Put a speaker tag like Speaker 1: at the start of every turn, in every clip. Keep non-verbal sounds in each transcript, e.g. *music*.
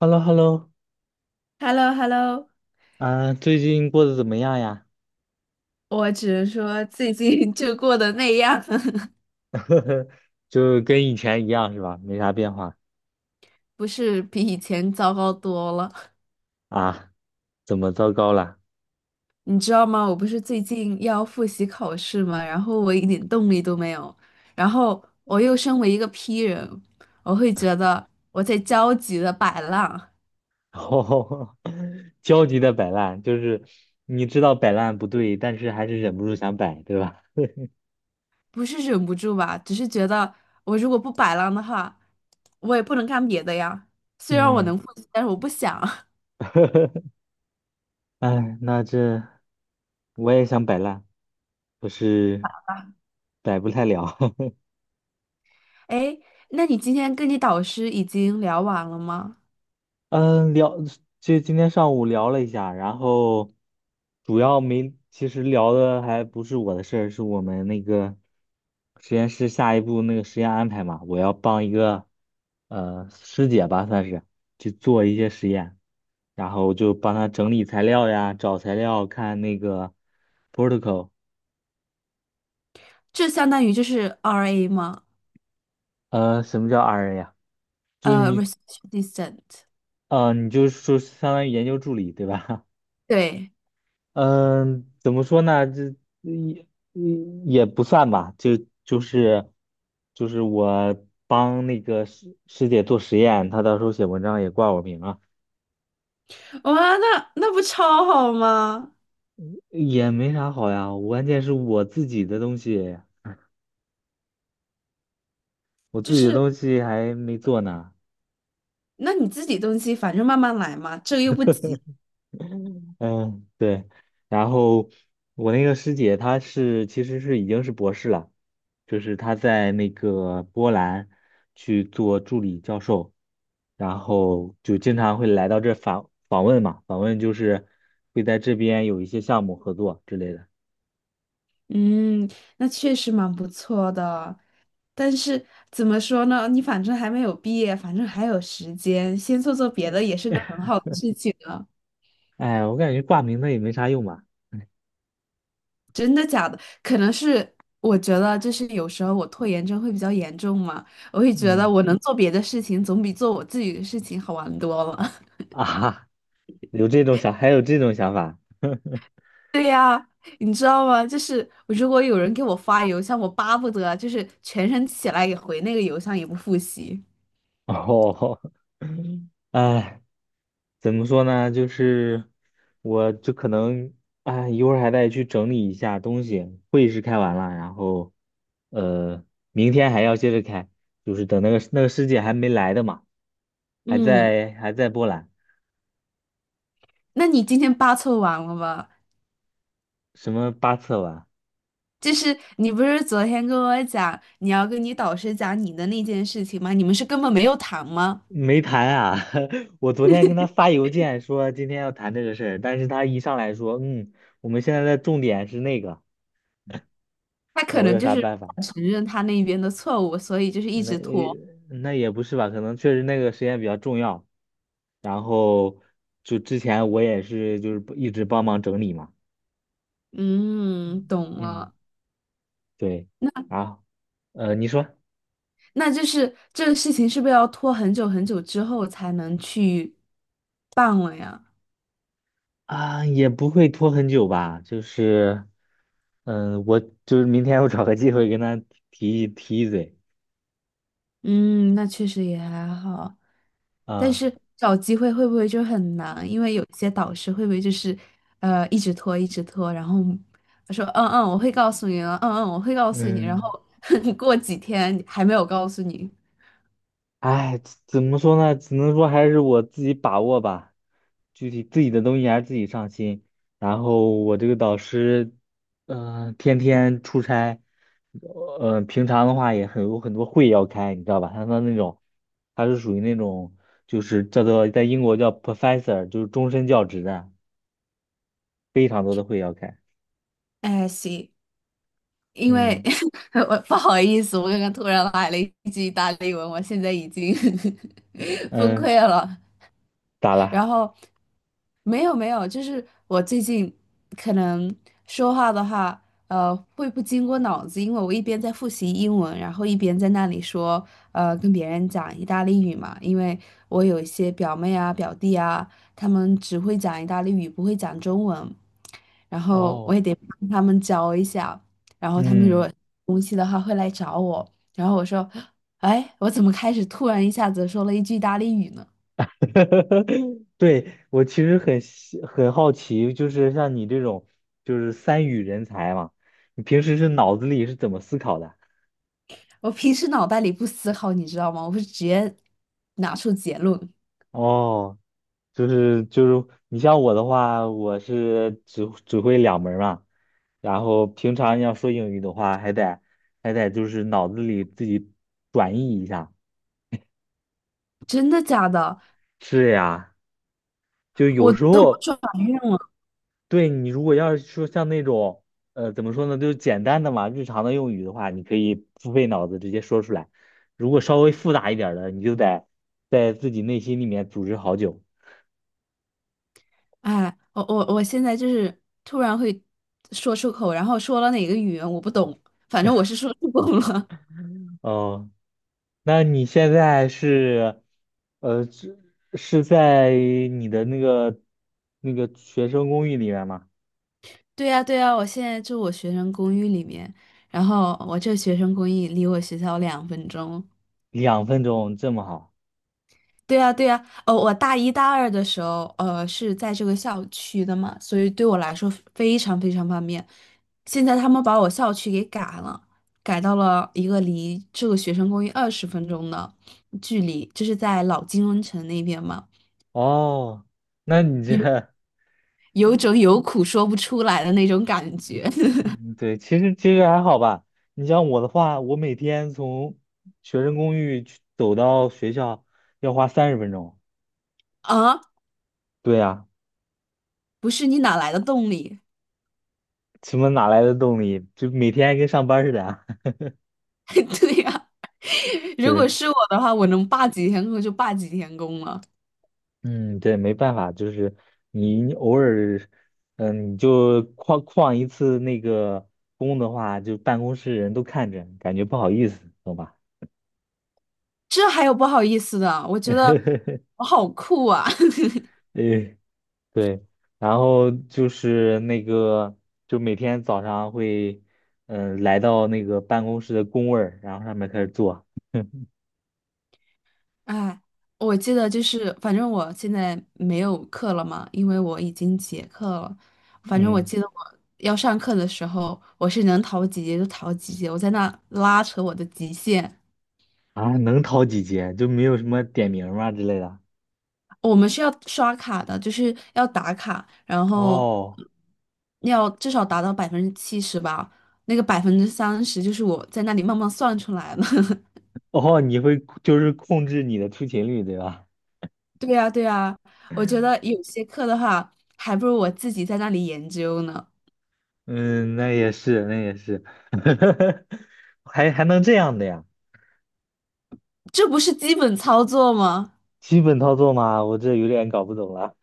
Speaker 1: h e l l o h e l l o
Speaker 2: h e l l o h e l l o
Speaker 1: 啊，最近过得怎么样呀？
Speaker 2: 我只能说最近 *laughs* 就过得那样。*laughs*
Speaker 1: *laughs* 就跟以前一样是吧？没啥变化
Speaker 2: 不是比以前糟糕多了。
Speaker 1: 啊？怎么糟糕了？
Speaker 2: 你知道吗？我不是最近要复习考试嘛，然后我一点动力都没有，然后我又身为一个 P 人，我会觉得我在焦急的摆烂，
Speaker 1: *laughs* 哦，焦急的摆烂，就是你知道摆烂不对，但是还是忍不住想摆，对吧？
Speaker 2: 不是忍不住吧，只是觉得我如果不摆烂的话，我也不能干别的呀。虽然我
Speaker 1: 嗯。
Speaker 2: 能复习，但是我不想。*laughs*
Speaker 1: *laughs* 哎，那这我也想摆烂，可是摆不太了。*laughs*
Speaker 2: 哎，那你今天跟你导师已经聊完了吗？
Speaker 1: 嗯，就今天上午聊了一下。然后主要没，其实聊的还不是我的事儿，是我们那个实验室下一步那个实验安排嘛。我要帮一个师姐吧，算是去做一些实验，然后就帮她整理材料呀，找材料，看那个 protocol。
Speaker 2: 这相当于就是 RA 吗？
Speaker 1: 什么叫 RN 呀？就是你，
Speaker 2: Research assistant。
Speaker 1: 你就是说相当于研究助理，对吧？
Speaker 2: 对，
Speaker 1: 嗯，怎么说呢？这也也不算吧。就就是就是我帮那个师姐做实验，她到时候写文章也挂我名啊。
Speaker 2: 哇，那不超好吗？
Speaker 1: 也没啥好呀。关键是我自己的东西，我
Speaker 2: 就
Speaker 1: 自己的
Speaker 2: 是
Speaker 1: 东西还没做呢。
Speaker 2: 那你自己东西，反正慢慢来嘛，这个又不急。
Speaker 1: 嗯，对。然后我那个师姐，其实是已经是博士了。就是她在那个波兰去做助理教授，然后就经常会来到这访问嘛。访问就是会在这边有一些项目合作之类的。
Speaker 2: 嗯，那确实蛮不错的。但是怎么说呢？你反正还没有毕业，反正还有时间，先做做别的也是个很好的事情啊。
Speaker 1: 哎，我感觉挂名的也没啥用吧。
Speaker 2: 真的假的？可能是我觉得，就是有时候我拖延症会比较严重嘛，我会觉得
Speaker 1: 嗯
Speaker 2: 我能做别的事情，总比做我自己的事情好玩多了。*laughs*
Speaker 1: 啊哈，有这种想，还有这种想法。*laughs*
Speaker 2: 对呀，你知道吗？就是如果有人给我发邮箱，我巴不得就是全身起来也回那个邮箱，也不复习。
Speaker 1: 哦。*laughs* 哎。怎么说呢？就是我就可能啊，一会儿还得去整理一下东西。会议室开完了，然后呃，明天还要接着开。就是等那个师姐还没来的嘛，还
Speaker 2: 嗯，
Speaker 1: 在还在波兰。
Speaker 2: 那你今天八凑完了吗？
Speaker 1: 什么八策完？
Speaker 2: 就是你不是昨天跟我讲你要跟你导师讲你的那件事情吗？你们是根本没有谈吗？
Speaker 1: 没谈啊。*laughs* 我昨天跟她发邮件说今天要谈这个事儿，但是她一上来说，我们现在的重点是那个。
Speaker 2: 他
Speaker 1: 那
Speaker 2: 可
Speaker 1: 我
Speaker 2: 能
Speaker 1: 有
Speaker 2: 就
Speaker 1: 啥
Speaker 2: 是
Speaker 1: 办法？
Speaker 2: 不想承认他那边的错误，所以就是一
Speaker 1: 那
Speaker 2: 直拖。
Speaker 1: 也那也不是吧，可能确实那个时间比较重要。然后就之前我也是就是一直帮忙整理嘛。
Speaker 2: 嗯，懂
Speaker 1: 嗯，
Speaker 2: 了。
Speaker 1: 对，
Speaker 2: 那
Speaker 1: 啊。你说。
Speaker 2: 那就是这个事情是不是要拖很久很久之后才能去办了呀？
Speaker 1: 啊，也不会拖很久吧。就是，嗯，我就是明天我找个机会跟他提一嘴。
Speaker 2: 嗯，那确实也还好，但
Speaker 1: 啊，
Speaker 2: 是找机会会不会就很难？因为有些导师会不会就是一直拖一直拖，然后他说嗯嗯我会告诉你了，嗯嗯我会告诉你，然
Speaker 1: 嗯，
Speaker 2: 后 *laughs* 过几天还没有告诉你。
Speaker 1: 哎，怎么说呢？只能说还是我自己把握吧。具体自己的东西还是自己上心。然后我这个导师，天天出差。平常的话也很多会要开，你知道吧？他的那种，他是属于那种，就是叫做在英国叫 professor，就是终身教职的，非常多的会要开。
Speaker 2: 哎，行。因为
Speaker 1: 嗯
Speaker 2: *laughs* 我不好意思，我刚刚突然来了一句意大利文，我现在已经 *laughs* 崩
Speaker 1: 嗯，
Speaker 2: 溃了。
Speaker 1: 咋了？
Speaker 2: 然后没有没有，就是我最近可能说话的话，会不经过脑子，因为我一边在复习英文，然后一边在那里说，跟别人讲意大利语嘛。因为我有一些表妹啊、表弟啊，他们只会讲意大利语，不会讲中文，然后我
Speaker 1: 哦，
Speaker 2: 也得帮他们教一下。然后他们
Speaker 1: 嗯。
Speaker 2: 说。他会来找我，然后我说，哎，我怎么开始突然一下子说了一句意大利语呢？
Speaker 1: *laughs* 对，我其实很好奇，就是像你这种就是三语人才嘛，你平时是脑子里是怎么思考的？
Speaker 2: 我平时脑袋里不思考，你知道吗？我会直接拿出结论。
Speaker 1: 哦，就是你像我的话，我是只会两门儿嘛。然后平常要说英语的话，还得就是脑子里自己转译一下。
Speaker 2: 真的假的？
Speaker 1: 是呀，就
Speaker 2: 我
Speaker 1: 有时
Speaker 2: 都不
Speaker 1: 候。
Speaker 2: 转运了。
Speaker 1: 对你如果要是说像那种，怎么说呢，就是简单的嘛，日常的用语的话，你可以不费脑子直接说出来。如果稍微复杂一点儿的，你就得在自己内心里面组织好久。
Speaker 2: 哎，我现在就是突然会说出口，然后说了哪个语言我不懂，反正我是说出口了。
Speaker 1: 哦，那你现在是，呃，是是在你的那个学生公寓里面吗？
Speaker 2: *laughs* 对呀，对呀，我现在住我学生公寓里面，然后我这学生公寓离我学校2分钟。
Speaker 1: 2分钟这么好？
Speaker 2: 对呀，对呀，我大一大二的时候，是在这个校区的嘛，所以对我来说非常非常方便。现在他们把我校区给改了，改到了一个离这个学生公寓20分钟的距离，就是在老金融城那边嘛。
Speaker 1: 哦，那你这
Speaker 2: 有
Speaker 1: *laughs*。
Speaker 2: 有种有苦说不出来的那种感觉。
Speaker 1: 嗯，对，其实还好吧。你像我的话，我每天从学生公寓去走到学校要花30分钟。
Speaker 2: *laughs* 啊！
Speaker 1: 对呀，
Speaker 2: 不是你哪来的动力？
Speaker 1: 什么哪来的动力？就每天跟上班似的啊。*laughs*
Speaker 2: *laughs* 对呀，如果
Speaker 1: 对，
Speaker 2: 是我的话，我能罢几天工就罢几天工了。
Speaker 1: 嗯，对，没办法。就是你偶尔，你就旷一次那个工的话，就办公室人都看着，感觉不好意思，懂吧？
Speaker 2: 这还有不好意思的，我觉得
Speaker 1: *laughs*
Speaker 2: 我好酷啊！*laughs*
Speaker 1: 呃对。然后就是那个，就每天早上会，来到那个办公室的工位儿，然后上面开始做。
Speaker 2: 哎，我记得就是，反正我现在没有课了嘛，因为我已经结课了。反正我
Speaker 1: 嗯，
Speaker 2: 记得我要上课的时候，我是能逃几节就逃几节，我在那拉扯我的极限。
Speaker 1: 啊，能逃几节？就没有什么点名儿吗之类的？
Speaker 2: 我们是要刷卡的，就是要打卡，然后
Speaker 1: 哦。
Speaker 2: 要至少达到70%吧。那个30%就是我在那里慢慢算出来的。*laughs*
Speaker 1: 哦，你会就是控制你的出勤率，对吧？
Speaker 2: 对呀，对呀，我觉得有些课的话，还不如我自己在那里研究呢。
Speaker 1: 嗯，那也是，那也是。*laughs* 还能这样的呀？
Speaker 2: 这不是基本操作吗？
Speaker 1: 基本操作吗？我这有点搞不懂了。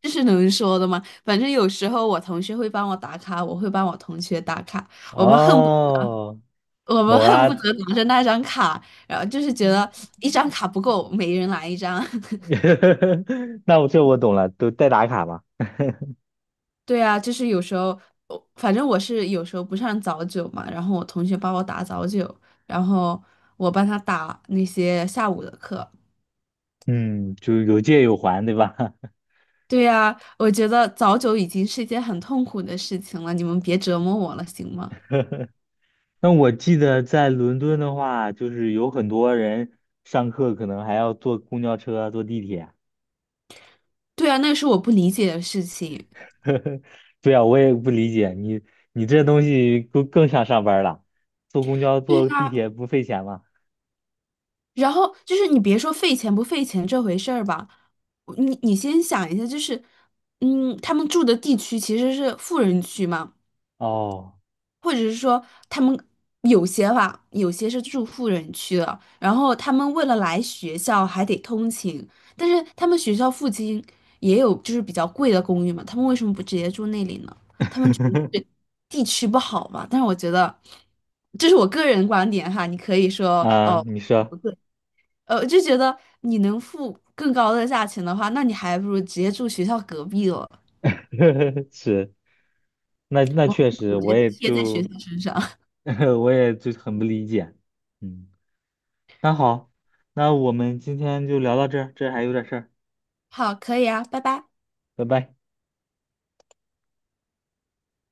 Speaker 2: 这是能说的吗？反正有时候我同学会帮我打卡，我会帮我同学打卡，我们恨不
Speaker 1: 哦，
Speaker 2: 我们
Speaker 1: 懂
Speaker 2: 恨不
Speaker 1: 了。
Speaker 2: 得拿着那张卡，然后就是觉得一张卡不够，每人来一张。*laughs*
Speaker 1: *laughs* 那我懂了，都代打卡嘛。
Speaker 2: 对啊，就是有时候，我反正我是有时候不上早九嘛，然后我同学帮我打早九，然后我帮他打那些下午的课。
Speaker 1: 嗯，就有借有还，对吧？*laughs*
Speaker 2: 对呀，我觉得早九已经是一件很痛苦的事情了，你们别折磨我了，行吗？
Speaker 1: 那我记得在伦敦的话，就是有很多人上课可能还要坐公交车啊、坐地铁啊。
Speaker 2: 对啊，那是我不理解的事情。
Speaker 1: *laughs* 对啊，我也不理解你，你这东西更像上班了，坐公交、
Speaker 2: 对
Speaker 1: 坐地
Speaker 2: 啊，
Speaker 1: 铁不费钱吗？
Speaker 2: 然后就是你别说费钱不费钱这回事儿吧，你先想一下，就是，嗯，他们住的地区其实是富人区嘛，
Speaker 1: 哦，
Speaker 2: 或者是说他们有些吧，有些是住富人区的，然后他们为了来学校还得通勤，但是他们学校附近也有就是比较贵的公寓嘛，他们为什么不直接住那里呢？他们觉得是地区不好吧？但是我觉得这是我个人观点哈，你可以说
Speaker 1: 啊，
Speaker 2: 哦。
Speaker 1: 你说。
Speaker 2: 对，我就觉得你能付更高的价钱的话，那你还不如直接住学校隔壁了，
Speaker 1: *laughs* 是，那
Speaker 2: 我
Speaker 1: 确实，
Speaker 2: 直
Speaker 1: 我
Speaker 2: 接
Speaker 1: 也
Speaker 2: 贴在学
Speaker 1: 就。
Speaker 2: 校身上。*laughs*
Speaker 1: *laughs* 我也就很不理解，嗯。那好，那我们今天就聊到这儿，这儿还有点事儿，
Speaker 2: 好，可以啊，拜拜。
Speaker 1: 拜拜。